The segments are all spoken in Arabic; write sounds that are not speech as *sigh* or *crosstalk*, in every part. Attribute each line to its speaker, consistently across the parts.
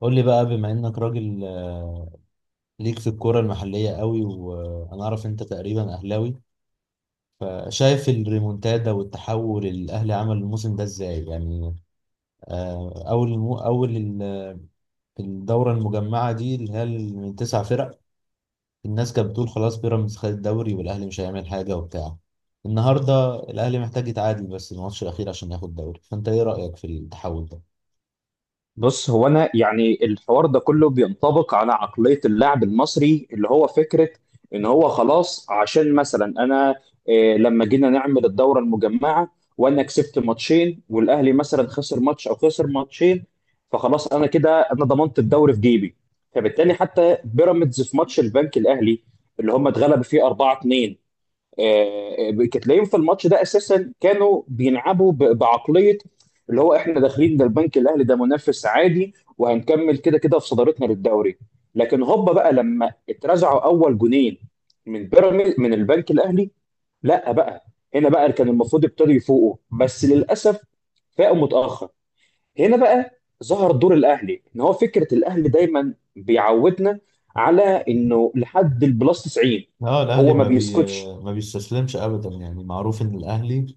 Speaker 1: قول لي بقى بما انك راجل، ليك في الكرة المحلية قوي، وانا اعرف انت تقريبا اهلاوي. شايف الريمونتادا والتحول اللي الاهلي عمل الموسم ده ازاي؟ يعني آه، اول المو اول ال- الدورة المجمعة دي اللي هي من تسع فرق، الناس كانت بتقول خلاص بيراميدز خد الدوري والاهلي مش هيعمل حاجة وبتاع. النهارده الاهلي محتاج يتعادل بس الماتش الاخير عشان ياخد الدوري، فانت ايه رأيك في التحول ده؟
Speaker 2: بص هو انا يعني الحوار ده كله بينطبق على عقلية اللاعب المصري اللي هو فكرة ان هو خلاص عشان مثلا انا لما جينا نعمل الدورة المجمعة وانا كسبت ماتشين والاهلي مثلا خسر ماتش او خسر ماتشين، فخلاص انا كده انا ضمنت الدوري في جيبي. فبالتالي حتى بيراميدز في ماتش البنك الاهلي اللي هم اتغلبوا فيه 4-2، تلاقيهم في الماتش ده اساسا كانوا بيلعبوا بعقليه اللي هو احنا داخلين ده، البنك الاهلي ده منافس عادي وهنكمل كده كده في صدارتنا للدوري. لكن هوبا بقى لما اترزعوا اول جونين من بيراميد من البنك الاهلي، لا بقى، هنا بقى كان المفروض ابتدوا يفوقوا، بس للاسف فاقوا متاخر. هنا بقى ظهر دور الاهلي ان هو فكره الاهلي دايما بيعودنا على انه لحد البلس 90
Speaker 1: اه الاهلي
Speaker 2: هو ما بيسكتش.
Speaker 1: ما بيستسلمش ابدا، يعني معروف ان الاهلي.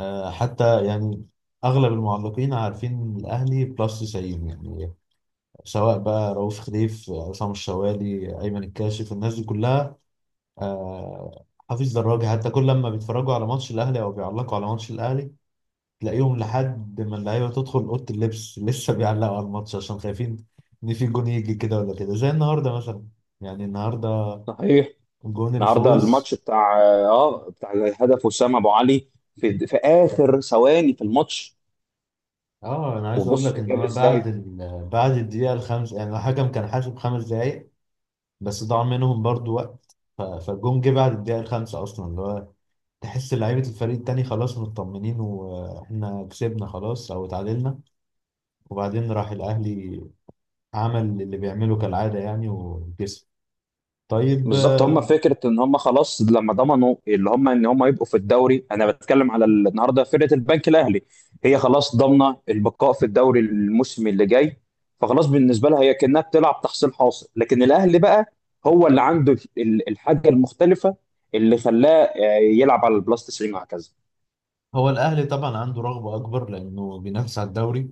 Speaker 1: حتى يعني اغلب المعلقين عارفين الاهلي بلس 90 يعني، سواء بقى رؤوف خليف، عصام الشوالي، ايمن الكاشف، الناس دي كلها، حفيظ دراجي. حتى كل لما بيتفرجوا على ماتش الاهلي او بيعلقوا على ماتش الاهلي، تلاقيهم لحد ما اللعيبه تدخل اوضه اللبس *laughs* لسه بيعلقوا على الماتش، عشان خايفين ان في جون يجي كده ولا كده زي النهارده مثلا. يعني النهارده
Speaker 2: صحيح.
Speaker 1: جون
Speaker 2: النهارده
Speaker 1: الفوز.
Speaker 2: الماتش بتاع اه بتاع هدف وسام ابو علي في في اخر ثواني في الماتش.
Speaker 1: اه انا عايز اقول
Speaker 2: وبص
Speaker 1: لك ان
Speaker 2: جاب
Speaker 1: هو
Speaker 2: ازاي.
Speaker 1: بعد الدقيقه الخامسه، يعني الحكم كان حاسب خمس دقائق، بس ضاع منهم برضو وقت، فالجون جه بعد الدقيقة الخامسة أصلا، اللي هو تحس لعيبة الفريق التاني خلاص مطمنين وإحنا كسبنا خلاص أو اتعادلنا، وبعدين راح الأهلي عمل اللي بيعمله كالعادة يعني وكسب. طيب،
Speaker 2: بالظبط، هم
Speaker 1: آه،
Speaker 2: فكره ان هم خلاص لما ضمنوا اللي هم ان هم يبقوا في الدوري، انا بتكلم على النهارده فرقه البنك الاهلي، هي خلاص ضامنه البقاء في الدوري الموسم اللي جاي. فخلاص بالنسبه لها هي كانها بتلعب تحصيل حاصل. لكن الاهلي بقى هو اللي عنده الحاجه المختلفه اللي خلاه، يلعب على البلاس 90 وهكذا.
Speaker 1: هو الأهلي طبعا عنده رغبة أكبر لأنه بينافس على الدوري،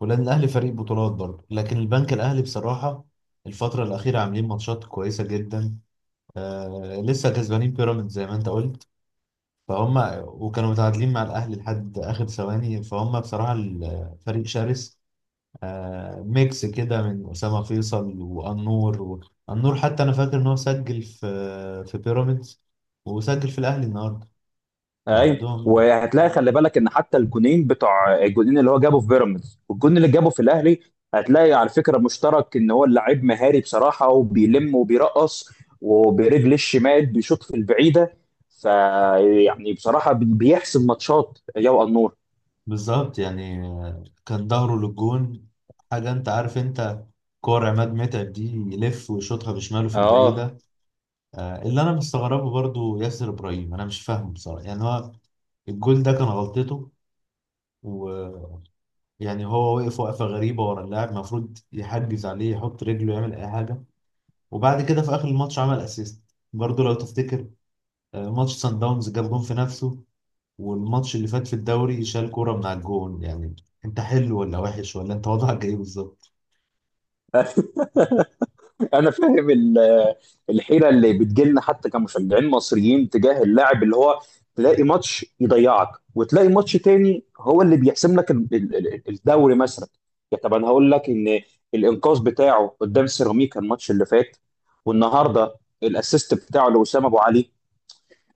Speaker 1: ولأن الأهلي فريق بطولات برضه، لكن البنك الأهلي بصراحة الفترة الأخيرة عاملين ماتشات كويسة جدا. لسه كسبانين بيراميدز زي ما أنت قلت، فهم وكانوا متعادلين مع الأهلي لحد آخر ثواني، فهم بصراحة الفريق شرس. ميكس كده من أسامة فيصل وأنور أنور. حتى أنا فاكر إن هو سجل في في بيراميدز، وسجل في الأهلي النهاردة،
Speaker 2: ايوه.
Speaker 1: فعندهم.
Speaker 2: وهتلاقي خلي بالك ان حتى الجونين بتوع الجونين اللي هو جابه في بيراميدز والجون اللي جابه في الاهلي، هتلاقي على فكره مشترك ان هو اللاعب مهاري بصراحه، وبيلم وبيرقص وبرجل الشمال بيشوط في البعيده. فيعني بصراحه بيحسم ماتشات يا النور.
Speaker 1: بالظبط، يعني كان ظهره للجون. حاجة أنت عارف، أنت كور عماد متعب دي، يلف ويشوطها بشماله في
Speaker 2: اه
Speaker 1: البعيدة. اللي أنا مستغربه برضو ياسر إبراهيم، أنا مش فاهمه بصراحة، يعني هو الجول ده كان غلطته و... يعني هو وقف وقفة غريبة ورا اللاعب، المفروض يحجز عليه، يحط رجله، يعمل أي حاجة. وبعد كده في آخر الماتش عمل أسيست برضه، لو تفتكر. ماتش سان داونز جاب جون في نفسه، والماتش اللي فات في الدوري شال كورة من على الجون. يعني أنت حلو ولا وحش ولا أنت وضعك إيه بالظبط؟
Speaker 2: انا فاهم الحيره اللي بتجيلنا حتى كمشجعين مصريين تجاه اللاعب، اللي هو تلاقي ماتش يضيعك وتلاقي ماتش تاني هو اللي بيحسم لك الدوري مثلا. يا طب انا هقول لك ان الانقاذ بتاعه قدام سيراميكا الماتش اللي فات، والنهارده الاسيست بتاعه لوسام ابو علي،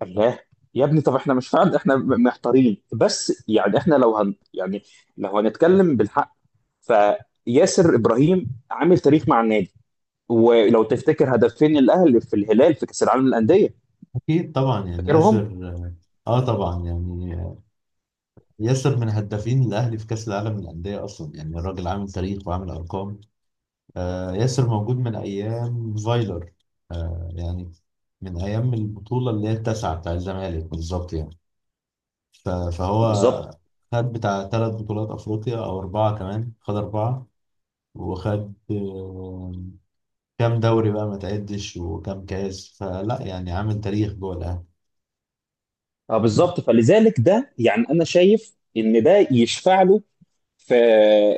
Speaker 2: الله يا ابني. طب احنا مش فاهم احنا محتارين، بس يعني احنا لو هن يعني لو هنتكلم بالحق فياسر ابراهيم عامل تاريخ مع النادي. ولو تفتكر هدفين الاهلي في الهلال في كاس العالم للانديه،
Speaker 1: أكيد طبعا، يعني ياسر.
Speaker 2: فاكرهم.
Speaker 1: آه طبعا يعني، آه، ياسر من هدافين الأهلي في كأس العالم للأندية أصلا، يعني الراجل عامل تاريخ وعامل أرقام. ياسر موجود من أيام فايلر، يعني من أيام البطولة اللي هي التاسعة بتاع الزمالك بالظبط يعني. فهو
Speaker 2: بالظبط.
Speaker 1: خد بتاع ثلاث بطولات أفريقيا، أو أربعة كمان، خد أربعة. وخد كام دوري بقى ما تعدش، وكام كاس فلا، يعني عامل تاريخ جوه الأهلي.
Speaker 2: اه بالظبط، فلذلك ده يعني انا شايف ان ده يشفع له في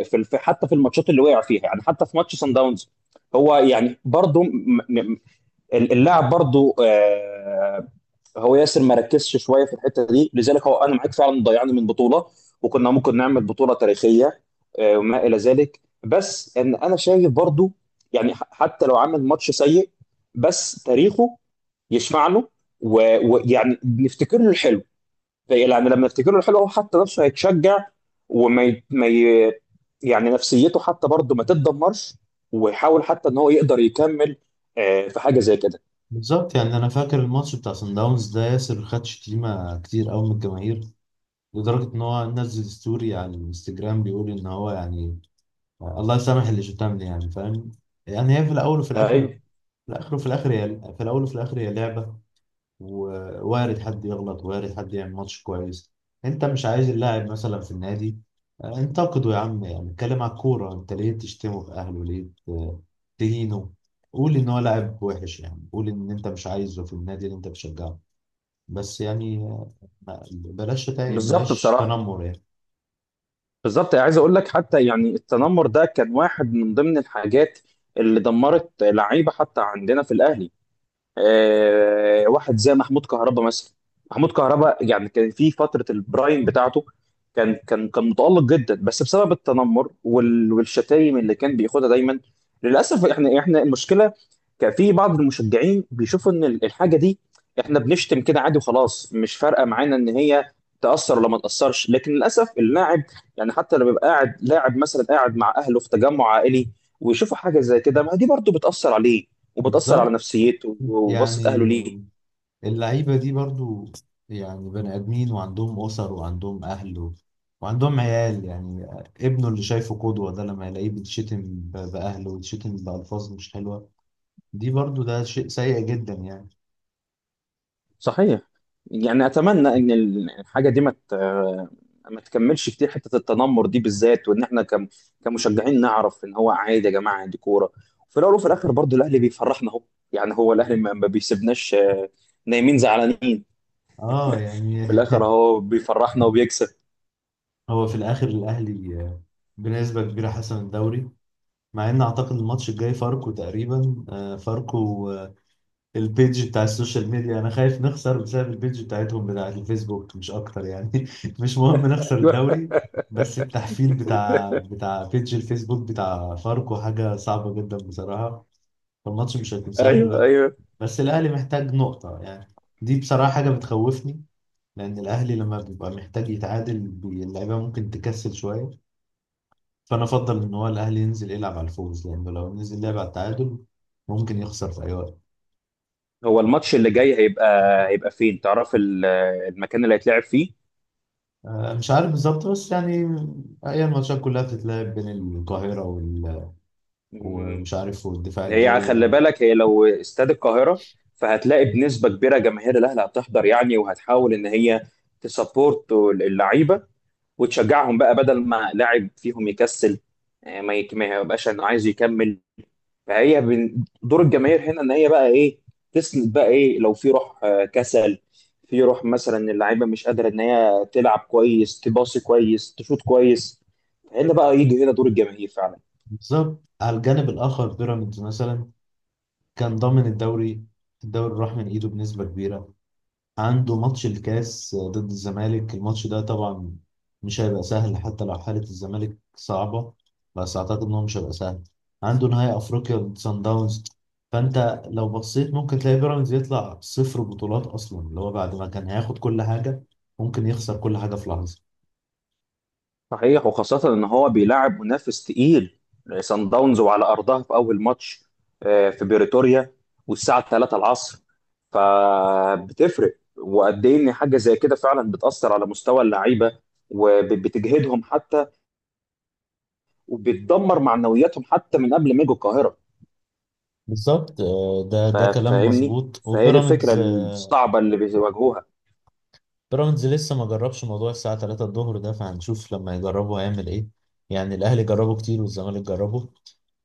Speaker 2: حتى في الماتشات اللي وقع فيها، يعني حتى في ماتش سان داونز هو يعني برضه اللاعب برضه، هو ياسر ما ركزش شويه في الحته دي، لذلك هو انا معاك فعلا ضيعنا من بطوله وكنا ممكن نعمل بطوله تاريخيه، وما الى ذلك. بس ان انا شايف برضو، يعني حتى لو عمل ماتش سيء، بس تاريخه يشفع له و- ويعني نفتكر له الحلو. يعني لما نفتكر له الحلو هو حتى نفسه هيتشجع، وما ي... ما ي... يعني نفسيته حتى برضه ما تتدمرش، ويحاول حتى ان هو يقدر يكمل، في حاجه زي كده.
Speaker 1: بالظبط، يعني أنا فاكر الماتش بتاع صن داونز ده، ياسر خد شتيمة كتير أوي من الجماهير، لدرجة إن هو نزل ستوري على الانستجرام بيقول إن هو يعني الله يسامح اللي شو لي، يعني فاهم؟ يعني هي في الاول وفي الاخر،
Speaker 2: ايوه
Speaker 1: في الاخر وفي الاخر، هي في الاول وفي الاخر هي لعبه. ووارد حد يغلط، وارد حد يعمل ماتش كويس. انت مش عايز اللاعب مثلا في النادي، انتقده يا عم، يعني اتكلم على الكوره. انت ليه تشتمه في اهله، ليه تهينه؟ قول ان هو لاعب وحش، يعني قول ان انت مش عايزه في النادي اللي انت بتشجعه، بس يعني، آه، ما- بلاش شتايم،
Speaker 2: بالظبط.
Speaker 1: بلاش
Speaker 2: بصراحه
Speaker 1: تنمر يعني.
Speaker 2: بالظبط عايز اقول لك، حتى يعني التنمر ده كان واحد من ضمن الحاجات اللي دمرت لعيبه حتى عندنا في الاهلي. واحد زي محمود كهربا مثلا. محمود كهربا يعني كان في فتره البرايم بتاعته، كان متالق جدا، بس بسبب التنمر والشتايم اللي كان بياخدها دايما للاسف. احنا المشكله كان في بعض المشجعين بيشوفوا ان الحاجه دي، احنا بنشتم كده عادي وخلاص، مش فارقه معانا ان هي تاثر ولا ما تاثرش. لكن للاسف اللاعب يعني حتى لما بيبقى قاعد لاعب مثلا قاعد مع اهله في تجمع عائلي ويشوفوا حاجه زي كده، ما دي برضو بتاثر عليه وبتأثر على
Speaker 1: بالظبط،
Speaker 2: نفسيته وبصة أهله
Speaker 1: يعني
Speaker 2: ليه.
Speaker 1: اللعيبة دي برضو يعني بني آدمين، وعندهم أسر وعندهم أهل. وعندهم عيال يعني. ابنه اللي شايفه قدوة ده، لما يلاقيه بيتشتم بأهله، ويتشتم بألفاظ مش حلوة، دي برضو ده شيء سيء جدا يعني.
Speaker 2: صحيح. يعني أتمنى إن الحاجة دي ما تكملش كتير، حتة التنمر دي بالذات، وإن إحنا كمشجعين نعرف إن هو عادي يا جماعة، دي كورة. وفي الأول وفي الآخر برضه الأهلي بيفرحنا أهو، يعني هو الأهلي ما بيسيبناش نايمين زعلانين.
Speaker 1: اه يعني
Speaker 2: في
Speaker 1: *laughs*
Speaker 2: الآخر أهو بيفرحنا وبيكسب.
Speaker 1: هو في الآخر الأهلي بنسبة كبيرة حسم الدوري. مع إن أعتقد الماتش الجاي فاركو تقريبا، فاركو البيج بتاع السوشيال ميديا انا خايف نخسر بسبب البيج بتاعتهم بتاع الفيسبوك مش اكتر يعني *laughs* مش مهم نخسر
Speaker 2: *laughs*
Speaker 1: الدوري، بس التحفيل بتاع بيج الفيسبوك بتاع فاركو حاجة صعبة جدا بصراحة، فالماتش مش هيكون سهل
Speaker 2: أيوه
Speaker 1: بقى.
Speaker 2: أيوه.
Speaker 1: بس الاهلي محتاج نقطة يعني، دي بصراحة حاجة بتخوفني. لان الاهلي لما بيبقى محتاج يتعادل اللعيبة ممكن تكسل شوية، فانا افضل ان هو الاهلي ينزل يلعب على الفوز، لانه لو نزل لعب على التعادل ممكن يخسر في اي وقت.
Speaker 2: هو الماتش اللي جاي هيبقى هيبقى فين تعرف المكان اللي هيتلعب فيه؟
Speaker 1: مش عارف بالظبط، بس يعني هي الماتشات كلها بتتلعب بين القاهرة ومش عارف والدفاع
Speaker 2: هي
Speaker 1: الجوي.
Speaker 2: خلي بالك هي لو استاد القاهرة فهتلاقي بنسبة كبيرة جماهير الأهلي هتحضر، يعني وهتحاول إن هي تسبورت اللعيبة وتشجعهم بقى، بدل ما لاعب فيهم يكسل، ما يبقاش إنه عايز يكمل. فهي دور الجماهير هنا إن هي بقى إيه؟ تسند بقى إيه لو في روح، كسل في روح مثلا، اللعيبة مش قادرة إن هي تلعب كويس تباصي كويس تشوط كويس، هنا بقى يجي هنا دور الجماهير فعلا.
Speaker 1: بالظبط. على الجانب الآخر بيراميدز مثلا كان ضامن الدوري، الدوري راح من إيده بنسبة كبيرة. عنده ماتش الكاس ضد الزمالك، الماتش ده طبعا مش هيبقى سهل، حتى لو حالة الزمالك صعبة، بس أعتقد إن هو مش هيبقى سهل. عنده نهائي أفريقيا ضد سان داونز، فأنت لو بصيت ممكن تلاقي بيراميدز يطلع صفر بطولات أصلا، اللي هو بعد ما كان هياخد كل حاجة ممكن يخسر كل حاجة في لحظة.
Speaker 2: صحيح، وخاصة إن هو بيلعب منافس تقيل سان داونز وعلى أرضها في أول ماتش، في بريتوريا والساعة 3 العصر. فبتفرق وقد إيه إن حاجة زي كده فعلا بتأثر على مستوى اللعيبة وبتجهدهم حتى، وبتدمر معنوياتهم حتى من قبل ما يجوا القاهرة.
Speaker 1: بالظبط. ده كلام
Speaker 2: فاهمني؟
Speaker 1: مظبوط.
Speaker 2: فهي دي الفكرة الصعبة اللي بيواجهوها.
Speaker 1: بيراميدز لسه ما جربش موضوع الساعة 3 الظهر ده، فهنشوف لما يجربوا هيعمل ايه. يعني الأهلي جربه كتير والزمالك جربه،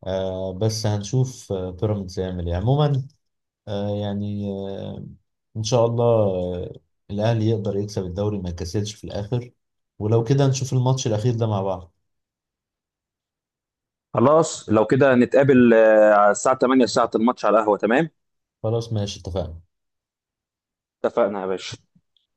Speaker 1: بس هنشوف بيراميدز هيعمل ايه عموما. آه يعني آه إن شاء الله. الأهلي يقدر يكسب الدوري، ما يكسلش في الآخر. ولو كده نشوف الماتش الأخير ده مع بعض.
Speaker 2: خلاص لو كده نتقابل على الساعة 8 ساعة الماتش على القهوة، تمام؟
Speaker 1: خلاص ماشي، اتفقنا.
Speaker 2: اتفقنا يا باشا.